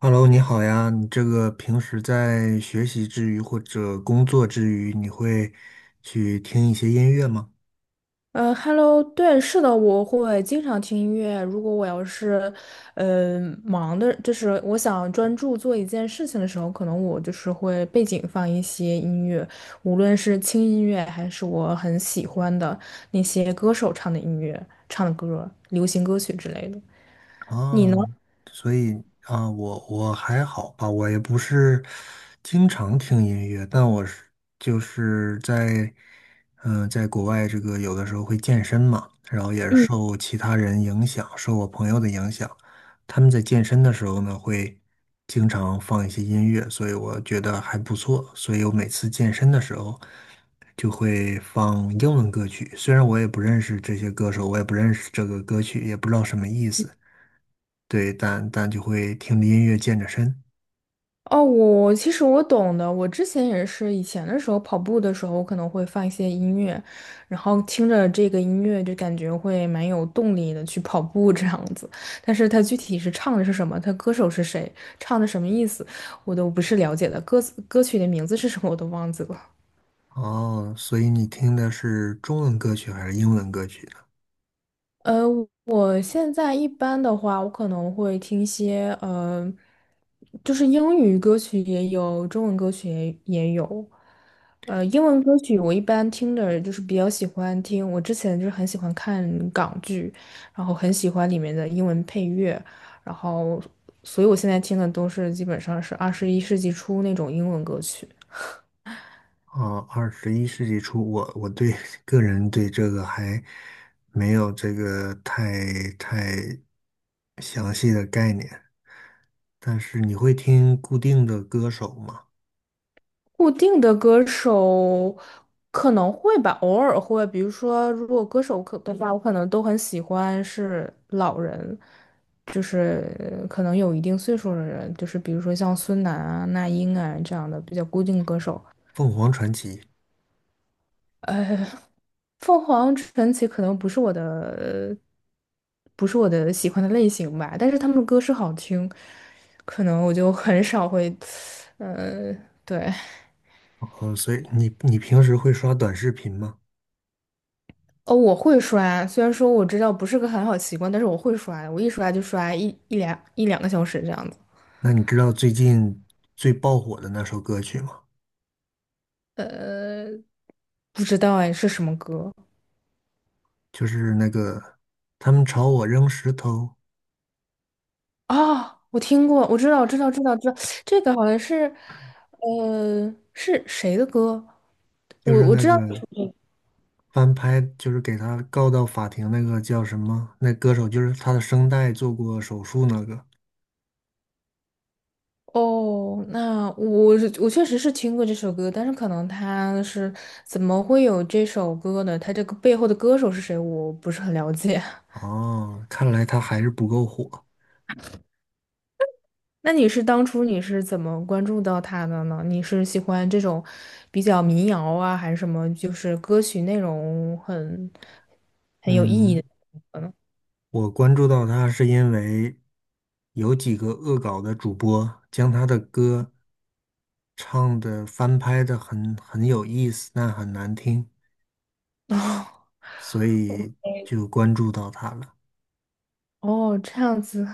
Hello，你好呀。你这个平时在学习之余或者工作之余，你会去听一些音乐吗？Hello，对，是的，我会经常听音乐。如果我要是，忙的，就是我想专注做一件事情的时候，可能我就是会背景放一些音乐，无论是轻音乐还是我很喜欢的那些歌手唱的音乐、唱的歌、流行歌曲之类的。你啊，呢？所以啊，我还好吧，我也不是经常听音乐，但我是就是在在国外这个有的时候会健身嘛，然后也是受其他人影响，受我朋友的影响，他们在健身的时候呢会经常放一些音乐，所以我觉得还不错，所以我每次健身的时候就会放英文歌曲，虽然我也不认识这些歌手，我也不认识这个歌曲，也不知道什么意思。对，但就会听着音乐健着身。哦，其实我懂的。我之前也是，以前的时候跑步的时候，我可能会放一些音乐，然后听着这个音乐就感觉会蛮有动力的去跑步这样子。但是它具体是唱的是什么，它歌手是谁，唱的什么意思，我都不是了解的。歌词歌曲的名字是什么我都忘记了。哦，所以你听的是中文歌曲还是英文歌曲呢？呃，我现在一般的话，我可能会听一些就是英语歌曲也有，中文歌曲也有。英文歌曲我一般听的就是比较喜欢听，我之前就是很喜欢看港剧，然后很喜欢里面的英文配乐，然后所以我现在听的都是基本上是21世纪初那种英文歌曲。哦，21世纪初，我对 个人对这个还没有这个太详细的概念。但是你会听固定的歌手吗？固定的歌手可能会吧，偶尔会。比如说，如果歌手可的话，我可能都很喜欢是老人，就是可能有一定岁数的人，就是比如说像孙楠啊、那英啊这样的比较固定歌手。凤凰传奇。呃，凤凰传奇可能不是我的，不是我的喜欢的类型吧，但是他们的歌是好听，可能我就很少会，呃，对。哦，所以你平时会刷短视频吗？哦，我会刷，虽然说我知道不是个很好习惯，但是我会刷的我一刷就刷一两个小时这样子。那你知道最近最爆火的那首歌曲吗？呃，不知道哎，是什么歌就是那个他们朝我扔石头，啊？我听过，我知道，知道，知道，知道，这个好像是，是谁的歌？就我是我那知道。个翻拍，就是给他告到法庭那个叫什么？那歌手就是他的声带做过手术那个。哦，那我确实是听过这首歌，但是可能他是怎么会有这首歌呢？他这个背后的歌手是谁，我不是很了解。哦，看来他还是不够火。那当初你是怎么关注到他的呢？你是喜欢这种比较民谣啊，还是什么？就是歌曲内容很有意义嗯，的？我关注到他是因为有几个恶搞的主播将他的歌唱的翻拍的很有意思，但很难听，所哦，以就关注到他了。哦，这样子。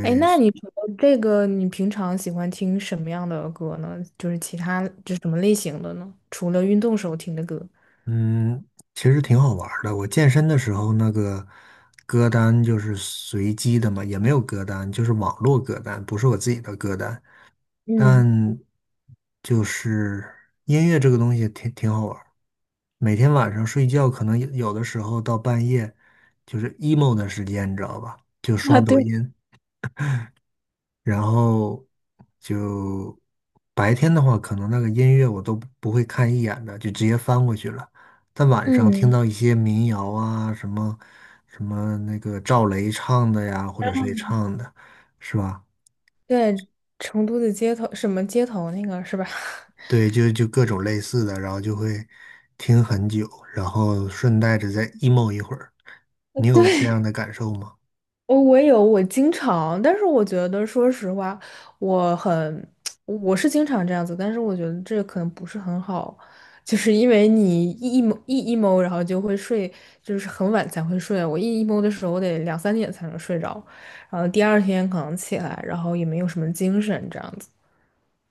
哎，那你除了这个，你平常喜欢听什么样的歌呢？就是其他就是什么类型的呢？除了运动时候听的歌。嗯，其实挺好玩儿的。我健身的时候，那个歌单就是随机的嘛，也没有歌单，就是网络歌单，不是我自己的歌单。但嗯，就是音乐这个东西挺好玩儿。每天晚上睡觉，可能有的时候到半夜，就是 emo 的时间，你知道吧？就刷啊，对，抖音，然后就白天的话，可能那个音乐我都不会看一眼的，就直接翻过去了。但晚上听嗯，到一些民谣啊，什么什么那个赵雷唱的呀，或者谁唱的，是吧？对，成都的街头，什么街头那个是吧？对，就各种类似的，然后就会听很久，然后顺带着再 emo 一会儿。你 有这对，样的感受吗？哦，我也有，我经常，但是我觉得，说实话，我很，我是经常这样子，但是我觉得这可能不是很好，就是因为你一 e m 一 emo，然后就会睡，就是很晚才会睡。我一 emo 的时候，我得两三点才能睡着，然后第二天可能起来，然后也没有什么精神这样子。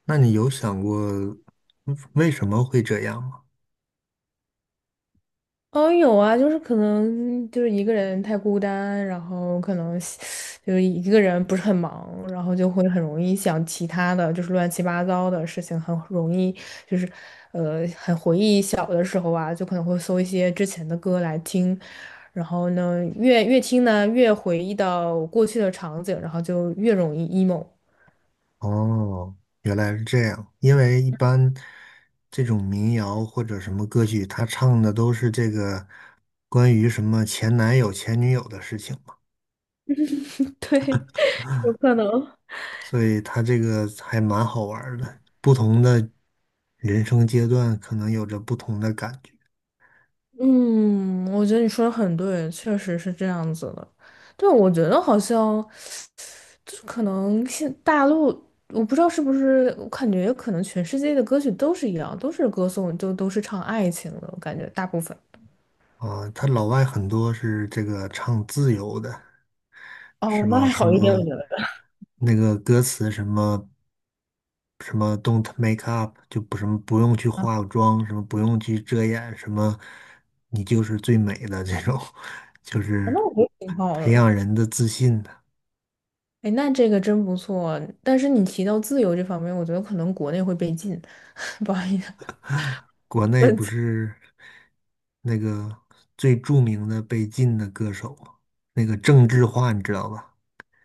那你有想过为什么会这样吗？哦，有啊，就是可能就是一个人太孤单，然后可能就是一个人不是很忙，然后就会很容易想其他的，就是乱七八糟的事情，很容易就是很回忆小的时候啊，就可能会搜一些之前的歌来听，然后呢，越听呢，越回忆到过去的场景，然后就越容易 emo。哦，原来是这样。因为一般这种民谣或者什么歌曲，他唱的都是这个关于什么前男友、前女友的事情嘛，对，有可能。所以他这个还蛮好玩儿的。不同的人生阶段，可能有着不同的感觉嗯，我觉得你说的很对，确实是这样子的。对，我觉得好像。就是可能现大陆，我不知道是不是，我感觉可能全世界的歌曲都是一样，都是歌颂，就都是唱爱情的，我感觉大部分。啊。他老外很多是这个唱自由的。是哦，那吧？还什好一点，我么觉得。那个歌词什么什么 "Don't make up"，就不什么不用去化妆，什么不用去遮掩，什么你就是最美的这种，就是那我觉得挺好培的。养人的自信的。哎，那这个真不错。但是你提到自由这方面，我觉得可能国内会被禁，不好意思，国内问不题是那个最著名的被禁的歌手吗？那个郑智化，你知道吧？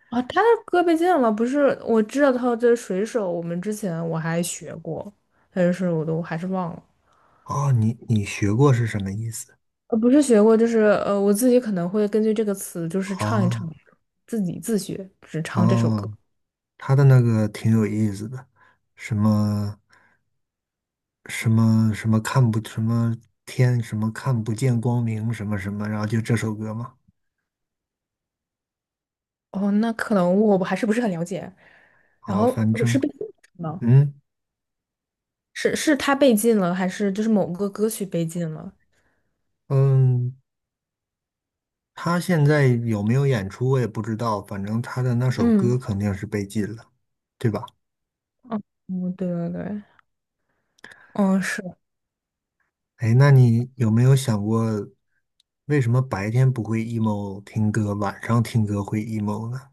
啊，他的歌被禁了，不是？我知道他这水手，我们之前我还学过，但是我都还是忘了。啊，你学过是什么意思？不是学过，就是我自己可能会根据这个词，就是唱一唱，啊自己自学，只唱这首歌。啊，他的那个挺有意思的，什么什么什么看不什么天什么看不见光明什么什么，然后就这首歌嘛。哦，那可能我还是不是很了解。然好，后反是正被禁了吗？嗯是他被禁了，还是就是某个歌曲被禁了？嗯，他现在有没有演出我也不知道，反正他的那首歌嗯，肯定是被禁了，对吧？嗯，对对对，嗯，是，哎，那你有没有想过，为什么白天不会 emo 听歌，晚上听歌会 emo 呢？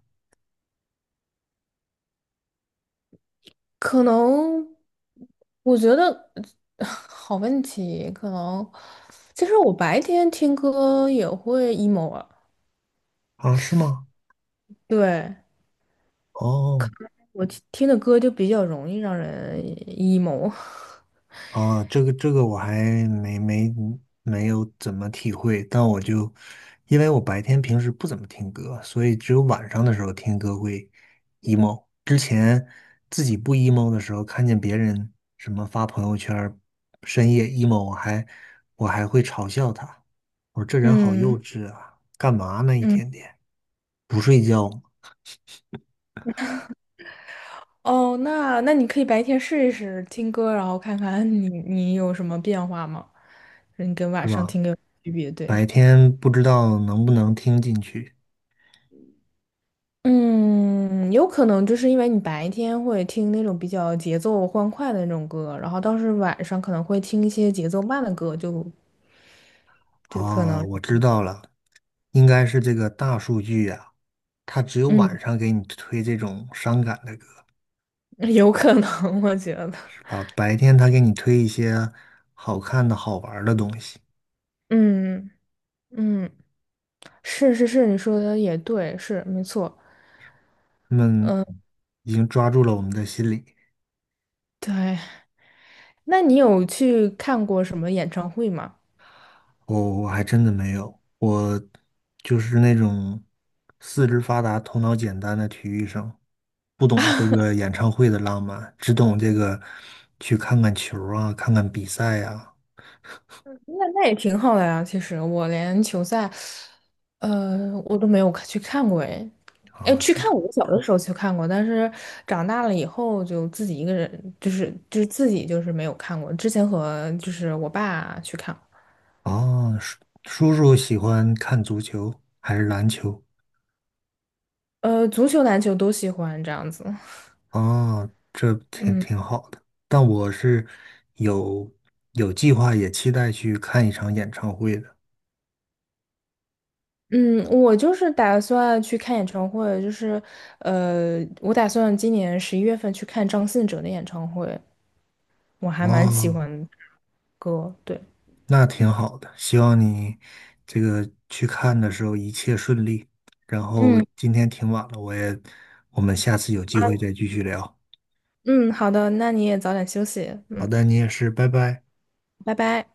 可能，我觉得 好问题，可能，其实我白天听歌也会 emo 啊，啊，是吗？对。哦。我听的歌就比较容易让人 emo。哦，这个我还没没没有怎么体会，但我就因为我白天平时不怎么听歌，所以只有晚上的时候听歌会 emo。之前自己不 emo 的时候，看见别人什么发朋友圈儿深夜 emo，我还会嘲笑他，我说这人好幼嗯稚啊，干嘛呢一嗯，天天不睡觉哦，那你可以白天试一试听歌，然后看看你有什么变化吗？你跟晚是上吧？听歌有区别，对。白天不知道能不能听进去。嗯，有可能就是因为你白天会听那种比较节奏欢快的那种歌，然后倒是晚上可能会听一些节奏慢的歌，就可啊，能，我知道了，应该是这个大数据呀、它只有晚嗯，上给你推这种伤感的歌，有可能，我觉得，是吧？白天它给你推一些好看的好玩儿的东西，嗯嗯。是是是，你说的也对，是没错。他们已经抓住了我们的心理。对，那你有去看过什么演唱会吗？我还真的没有，我就是那种四肢发达、头脑简单的体育生，不懂这个演唱会的浪漫，只懂这个去看看球儿啊，看看比赛呀、那也挺好的呀。其实我连球赛，我都没有去看过诶。啊，哎，啊去是看我小的时候去看过，但是长大了以后就自己一个人，就是自己就是没有看过。之前和就是我爸去看，哦，叔叔喜欢看足球还是篮球？足球、篮球都喜欢这样子。哦，这挺嗯。挺好的。但我是有有计划，也期待去看一场演唱会的。嗯，我就是打算去看演唱会，就是我打算今年11月份去看张信哲的演唱会，我还蛮喜哦，欢歌，对，那挺好的。希望你这个去看的时候一切顺利。然后嗯今天挺晚了，我也，我们下次有机会再继续聊。嗯，好的，那你也早点休息，好嗯，的，你也是，拜拜。拜拜。